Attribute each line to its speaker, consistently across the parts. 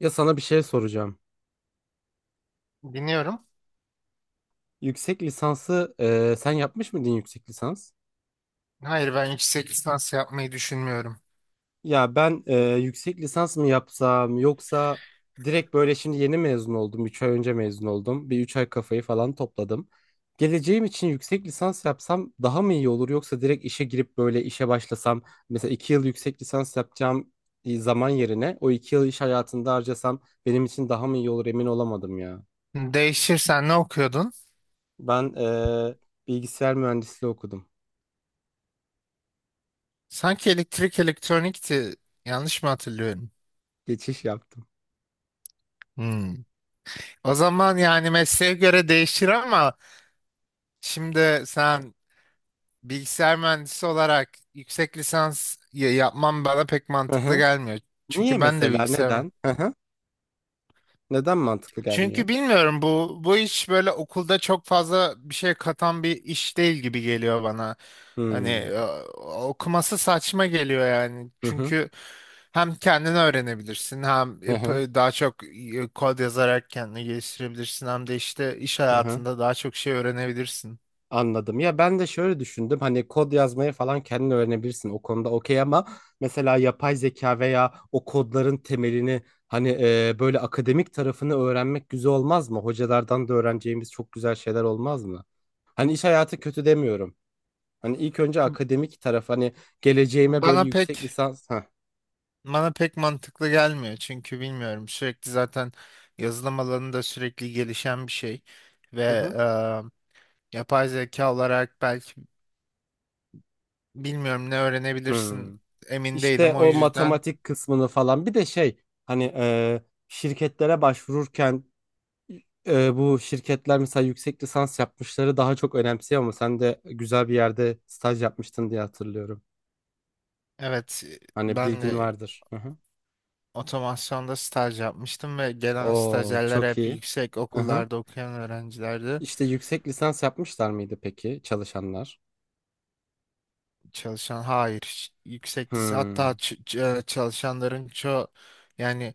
Speaker 1: Ya sana bir şey soracağım.
Speaker 2: Dinliyorum.
Speaker 1: Yüksek lisansı sen yapmış mıydın yüksek lisans?
Speaker 2: Hayır, ben yüksek lisans yapmayı düşünmüyorum.
Speaker 1: Ya ben yüksek lisans mı yapsam yoksa direkt böyle şimdi yeni mezun oldum. Üç ay önce mezun oldum. Bir 3 ay kafayı falan topladım. Geleceğim için yüksek lisans yapsam daha mı iyi olur yoksa direkt işe girip böyle işe başlasam, mesela 2 yıl yüksek lisans yapacağım zaman yerine o 2 yıl iş hayatında harcasam benim için daha mı iyi olur emin olamadım ya.
Speaker 2: Değişirsen ne okuyordun?
Speaker 1: Ben bilgisayar mühendisliği okudum.
Speaker 2: Sanki elektrik elektronikti. Yanlış mı hatırlıyorum?
Speaker 1: Geçiş yaptım.
Speaker 2: Hmm. O zaman yani mesleğe göre değişir ama şimdi sen bilgisayar mühendisi olarak yüksek lisans yapman bana pek
Speaker 1: Hı
Speaker 2: mantıklı
Speaker 1: hı.
Speaker 2: gelmiyor.
Speaker 1: Niye
Speaker 2: Çünkü ben de
Speaker 1: mesela?
Speaker 2: bilgisayar.
Speaker 1: Neden? Hı hı. Neden mantıklı gelmiyor?
Speaker 2: Çünkü bilmiyorum, bu iş böyle okulda çok fazla bir şey katan bir iş değil gibi geliyor bana. Hani
Speaker 1: Hmm.
Speaker 2: okuması saçma geliyor yani.
Speaker 1: Hı hı.
Speaker 2: Çünkü hem kendini öğrenebilirsin, hem
Speaker 1: Hı hı.
Speaker 2: daha çok kod yazarak kendini geliştirebilirsin, hem de işte iş
Speaker 1: Hı hı.
Speaker 2: hayatında daha çok şey öğrenebilirsin.
Speaker 1: Anladım. Ya ben de şöyle düşündüm. Hani kod yazmayı falan kendin öğrenebilirsin. O konuda okey, ama mesela yapay zeka veya o kodların temelini, hani böyle akademik tarafını öğrenmek güzel olmaz mı? Hocalardan da öğreneceğimiz çok güzel şeyler olmaz mı? Hani iş hayatı kötü demiyorum. Hani ilk önce akademik taraf, hani geleceğime böyle
Speaker 2: Bana
Speaker 1: yüksek
Speaker 2: pek
Speaker 1: lisans. Heh.
Speaker 2: Bana pek mantıklı gelmiyor çünkü bilmiyorum, sürekli zaten yazılım alanı da sürekli gelişen bir şey ve
Speaker 1: Hı hı.
Speaker 2: e, yapay zeka olarak belki, bilmiyorum, ne öğrenebilirsin
Speaker 1: Hmm.
Speaker 2: emin
Speaker 1: İşte
Speaker 2: değilim, o
Speaker 1: o
Speaker 2: yüzden
Speaker 1: matematik kısmını falan. Bir de şey, hani şirketlere başvururken bu şirketler mesela yüksek lisans yapmışları daha çok önemsiyor ama sen de güzel bir yerde staj yapmıştın diye hatırlıyorum.
Speaker 2: evet.
Speaker 1: Hani
Speaker 2: Ben
Speaker 1: bilgin
Speaker 2: de
Speaker 1: vardır. Hı hı.
Speaker 2: otomasyonda staj yapmıştım ve gelen
Speaker 1: Oo,
Speaker 2: stajyerler
Speaker 1: çok
Speaker 2: hep
Speaker 1: iyi.
Speaker 2: yüksek
Speaker 1: Hı hı.
Speaker 2: okullarda okuyan öğrencilerdi.
Speaker 1: İşte yüksek lisans yapmışlar mıydı peki çalışanlar?
Speaker 2: Çalışan hayır, hiç yüksek lis- hatta
Speaker 1: Hmm.
Speaker 2: ç- ç- e, çalışanların çoğu yani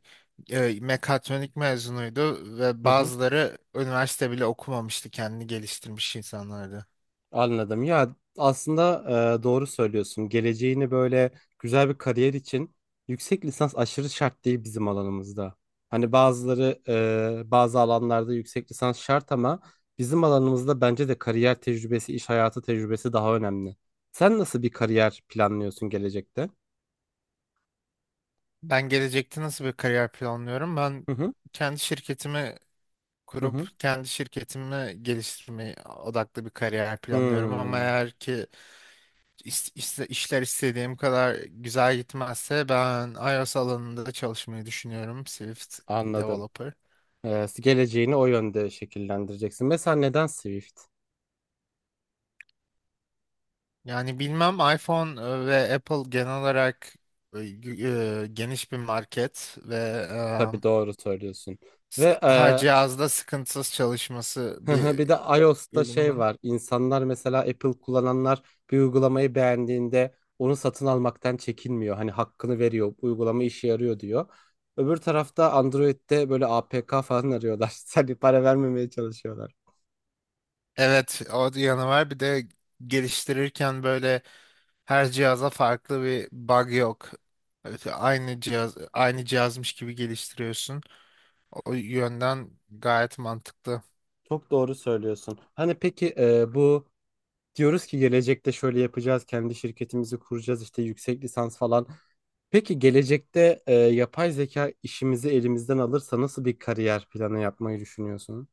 Speaker 2: mekatronik mezunuydu ve
Speaker 1: Hı hı.
Speaker 2: bazıları üniversite bile okumamıştı, kendini geliştirmiş insanlardı.
Speaker 1: Anladım. Ya aslında doğru söylüyorsun. Geleceğini böyle güzel bir kariyer için yüksek lisans aşırı şart değil bizim alanımızda. Hani bazıları bazı alanlarda yüksek lisans şart ama bizim alanımızda bence de kariyer tecrübesi, iş hayatı tecrübesi daha önemli. Sen nasıl bir kariyer planlıyorsun gelecekte?
Speaker 2: Ben gelecekte nasıl bir kariyer planlıyorum? Ben
Speaker 1: Hı hı,
Speaker 2: kendi şirketimi
Speaker 1: hı
Speaker 2: kurup
Speaker 1: hı.
Speaker 2: kendi şirketimi geliştirmeye odaklı bir kariyer planlıyorum, ama
Speaker 1: Hmm,
Speaker 2: eğer ki işler istediğim kadar güzel gitmezse ben iOS alanında çalışmayı düşünüyorum, Swift
Speaker 1: anladım.
Speaker 2: developer.
Speaker 1: E, geleceğini o yönde şekillendireceksin. Mesela neden Swift?
Speaker 2: Yani bilmem, iPhone ve Apple genel olarak geniş bir market ve e,
Speaker 1: Tabii, doğru söylüyorsun. Ve
Speaker 2: her cihazda sıkıntısız çalışması
Speaker 1: hı hı, bir de
Speaker 2: bir
Speaker 1: iOS'ta şey
Speaker 2: uygulamanın.
Speaker 1: var. İnsanlar mesela Apple kullananlar bir uygulamayı beğendiğinde onu satın almaktan çekinmiyor. Hani hakkını veriyor. Bu uygulama işe yarıyor diyor. Öbür tarafta Android'de böyle APK falan arıyorlar. Seni para vermemeye çalışıyorlar.
Speaker 2: Evet, o yanı var. Bir de geliştirirken böyle her cihaza farklı bir bug yok. Evet, aynı cihaz aynı cihazmış gibi geliştiriyorsun. O yönden gayet mantıklı.
Speaker 1: Çok doğru söylüyorsun. Hani peki bu, diyoruz ki gelecekte şöyle yapacağız, kendi şirketimizi kuracağız, işte yüksek lisans falan. Peki gelecekte yapay zeka işimizi elimizden alırsa nasıl bir kariyer planı yapmayı düşünüyorsun?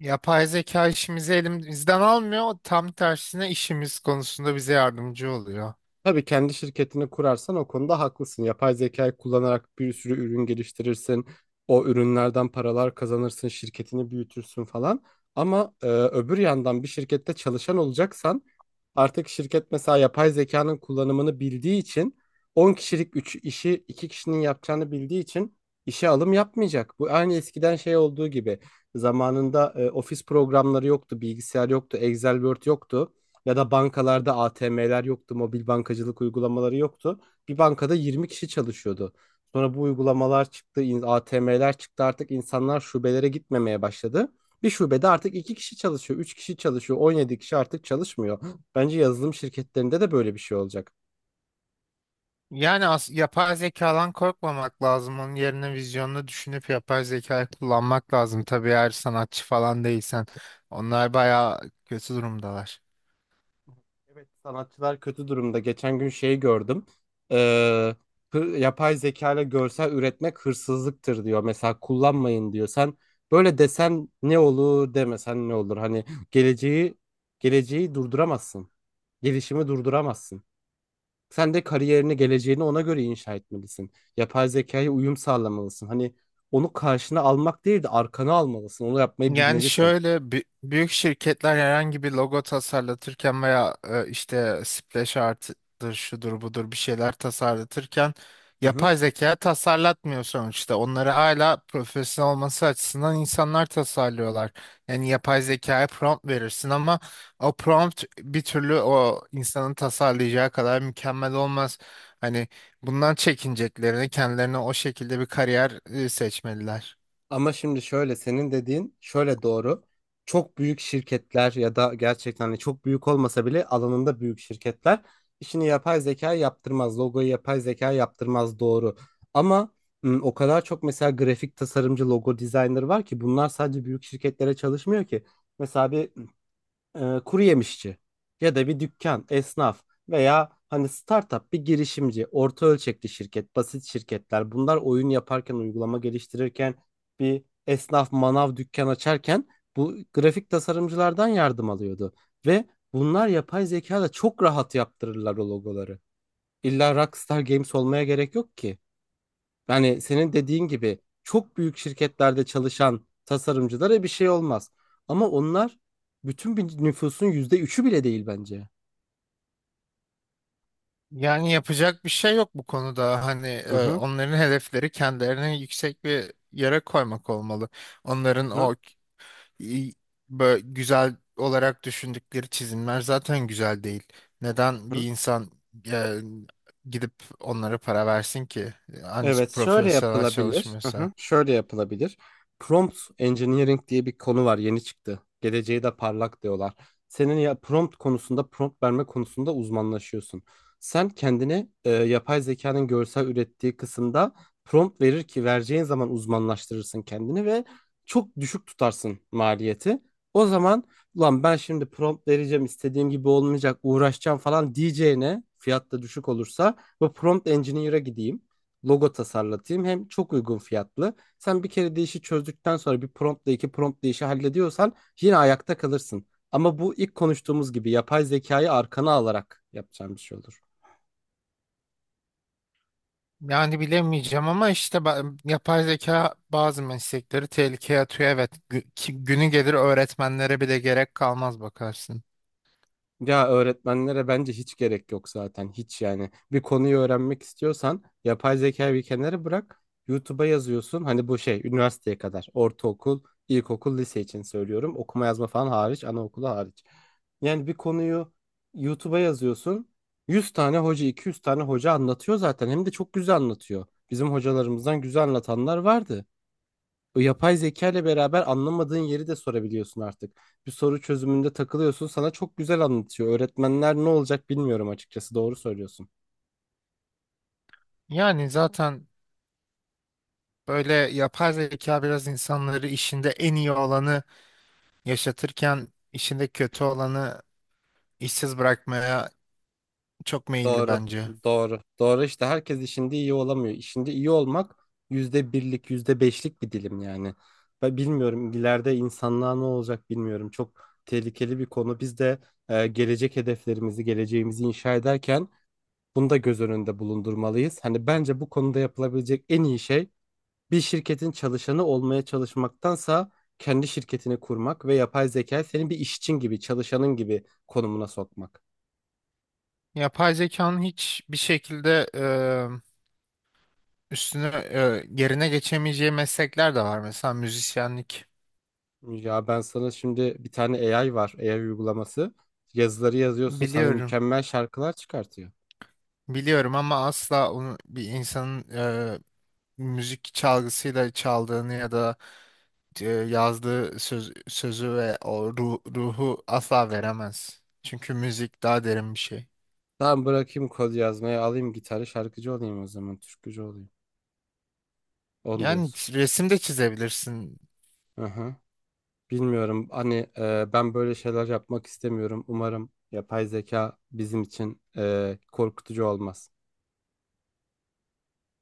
Speaker 2: Yapay zeka işimizi elimizden almıyor. Tam tersine işimiz konusunda bize yardımcı oluyor.
Speaker 1: Tabii kendi şirketini kurarsan o konuda haklısın. Yapay zekayı kullanarak bir sürü ürün geliştirirsin. O ürünlerden paralar kazanırsın, şirketini büyütürsün falan. Ama öbür yandan bir şirkette çalışan olacaksan artık şirket mesela yapay zekanın kullanımını bildiği için 10 kişilik 3 işi 2 kişinin yapacağını bildiği için işe alım yapmayacak. Bu aynı eskiden şey olduğu gibi, zamanında ofis programları yoktu, bilgisayar yoktu, Excel, Word yoktu. Ya da bankalarda ATM'ler yoktu, mobil bankacılık uygulamaları yoktu. Bir bankada 20 kişi çalışıyordu. Sonra bu uygulamalar çıktı, ATM'ler çıktı, artık insanlar şubelere gitmemeye başladı. Bir şubede artık 2 kişi çalışıyor, 3 kişi çalışıyor, 17 kişi artık çalışmıyor. Bence yazılım şirketlerinde de böyle bir şey olacak.
Speaker 2: Yani as yapay zekadan korkmamak lazım. Onun yerine vizyonunu düşünüp yapay zekayı kullanmak lazım. Tabii eğer sanatçı falan değilsen. Onlar bayağı kötü durumdalar.
Speaker 1: Evet, sanatçılar kötü durumda. Geçen gün şeyi gördüm. Ee, yapay zeka ile görsel üretmek hırsızlıktır diyor. Mesela kullanmayın diyor. Sen böyle desen ne olur, demesen ne olur? Hani geleceği geleceği durduramazsın. Gelişimi durduramazsın. Sen de kariyerini, geleceğini ona göre inşa etmelisin. Yapay zekaya uyum sağlamalısın. Hani onu karşına almak değil de arkana almalısın. Onu yapmayı
Speaker 2: Yani
Speaker 1: bilmelisin.
Speaker 2: şöyle, büyük şirketler herhangi bir logo tasarlatırken veya işte splash art'dır şudur budur bir şeyler tasarlatırken yapay zeka tasarlatmıyor sonuçta. Onları hala profesyonel olması açısından insanlar tasarlıyorlar. Yani yapay zekaya prompt verirsin ama o prompt bir türlü o insanın tasarlayacağı kadar mükemmel olmaz. Hani bundan çekineceklerini kendilerine o şekilde bir kariyer seçmeliler.
Speaker 1: Ama şimdi şöyle, senin dediğin şöyle doğru. Çok büyük şirketler ya da gerçekten hani çok büyük olmasa bile alanında büyük şirketler işini yapay zeka yaptırmaz. Logoyu yapay zeka yaptırmaz, doğru. Ama o kadar çok mesela grafik tasarımcı, logo designer var ki bunlar sadece büyük şirketlere çalışmıyor ki. Mesela bir kuru yemişçi ya da bir dükkan, esnaf veya hani startup bir girişimci, orta ölçekli şirket, basit şirketler bunlar oyun yaparken, uygulama geliştirirken, bir esnaf manav dükkan açarken bu grafik tasarımcılardan yardım alıyordu. Ve bunlar yapay zeka da çok rahat yaptırırlar o logoları. İlla Rockstar Games olmaya gerek yok ki. Yani senin dediğin gibi çok büyük şirketlerde çalışan tasarımcılara bir şey olmaz. Ama onlar bütün bir nüfusun %3'ü bile değil bence.
Speaker 2: Yani yapacak bir şey yok bu konuda. Hani
Speaker 1: Hı hı,
Speaker 2: onların hedefleri kendilerini yüksek bir yere koymak olmalı. Onların
Speaker 1: hı
Speaker 2: o i- güzel olarak düşündükleri çizimler zaten güzel değil. Neden bir
Speaker 1: hı.
Speaker 2: insan e, gidip onlara para versin ki? Hani
Speaker 1: Evet, şöyle
Speaker 2: profesyonel
Speaker 1: yapılabilir. Hı
Speaker 2: çalışmıyorsa.
Speaker 1: hı, şöyle yapılabilir. Prompt engineering diye bir konu var, yeni çıktı. Geleceği de parlak diyorlar. Senin ya prompt konusunda, prompt verme konusunda uzmanlaşıyorsun. Sen kendini yapay zekanın görsel ürettiği kısımda prompt verir ki vereceğin zaman uzmanlaştırırsın kendini ve çok düşük tutarsın maliyeti. O zaman ulan ben şimdi prompt vereceğim, istediğim gibi olmayacak, uğraşacağım falan diyeceğine fiyat da düşük olursa bu prompt engineer'a gideyim, logo tasarlatayım. Hem çok uygun fiyatlı. Sen bir kere değişi çözdükten sonra bir promptla iki prompt değişi hallediyorsan yine ayakta kalırsın. Ama bu ilk konuştuğumuz gibi yapay zekayı arkana alarak yapacağım bir şey olur.
Speaker 2: Yani bilemeyeceğim ama işte yapay zeka bazı meslekleri tehlikeye atıyor. Evet, günü gelir öğretmenlere bile gerek kalmaz bakarsın.
Speaker 1: Ya öğretmenlere bence hiç gerek yok zaten. Hiç yani. Bir konuyu öğrenmek istiyorsan yapay zekayı bir kenara bırak. YouTube'a yazıyorsun. Hani bu şey üniversiteye kadar. Ortaokul, ilkokul, lise için söylüyorum. Okuma yazma falan hariç, anaokulu hariç. Yani bir konuyu YouTube'a yazıyorsun. 100 tane hoca, 200 tane hoca anlatıyor zaten. Hem de çok güzel anlatıyor. Bizim hocalarımızdan güzel anlatanlar vardı. O yapay zeka ile beraber anlamadığın yeri de sorabiliyorsun artık. Bir soru çözümünde takılıyorsun. Sana çok güzel anlatıyor. Öğretmenler ne olacak bilmiyorum açıkçası. Doğru söylüyorsun.
Speaker 2: Yani zaten böyle yapay zeka biraz insanları işinde en iyi olanı yaşatırken işinde kötü olanı işsiz bırakmaya çok meyilli
Speaker 1: Doğru.
Speaker 2: bence.
Speaker 1: Doğru. Doğru, işte herkes işinde iyi olamıyor. İşinde iyi olmak %1'lik, yüzde beşlik bir dilim yani. Ben bilmiyorum, ileride insanlığa ne olacak bilmiyorum. Çok tehlikeli bir konu. Biz de gelecek hedeflerimizi, geleceğimizi inşa ederken bunu da göz önünde bulundurmalıyız. Hani bence bu konuda yapılabilecek en iyi şey bir şirketin çalışanı olmaya çalışmaktansa kendi şirketini kurmak ve yapay zekayı senin bir işçin gibi, çalışanın gibi konumuna sokmak.
Speaker 2: Yapay zekanın hiç bir şekilde yerine geçemeyeceği meslekler de var. Mesela müzisyenlik.
Speaker 1: Ya ben sana şimdi bir tane AI var, AI uygulaması. Yazıları yazıyorsun, sana
Speaker 2: Biliyorum.
Speaker 1: mükemmel şarkılar çıkartıyor.
Speaker 2: Biliyorum ama asla onu bir insanın müzik çalgısıyla çaldığını ya da yazdığı sözü ve o ruhu asla veremez. Çünkü müzik daha derin bir şey.
Speaker 1: Tamam bırakayım kod yazmayı, alayım gitarı, şarkıcı olayım o zaman, türkücü olayım. Onu
Speaker 2: Yani
Speaker 1: diyorsun.
Speaker 2: resim de çizebilirsin.
Speaker 1: Hı hı. Bilmiyorum. Hani ben böyle şeyler yapmak istemiyorum. Umarım yapay zeka bizim için korkutucu olmaz.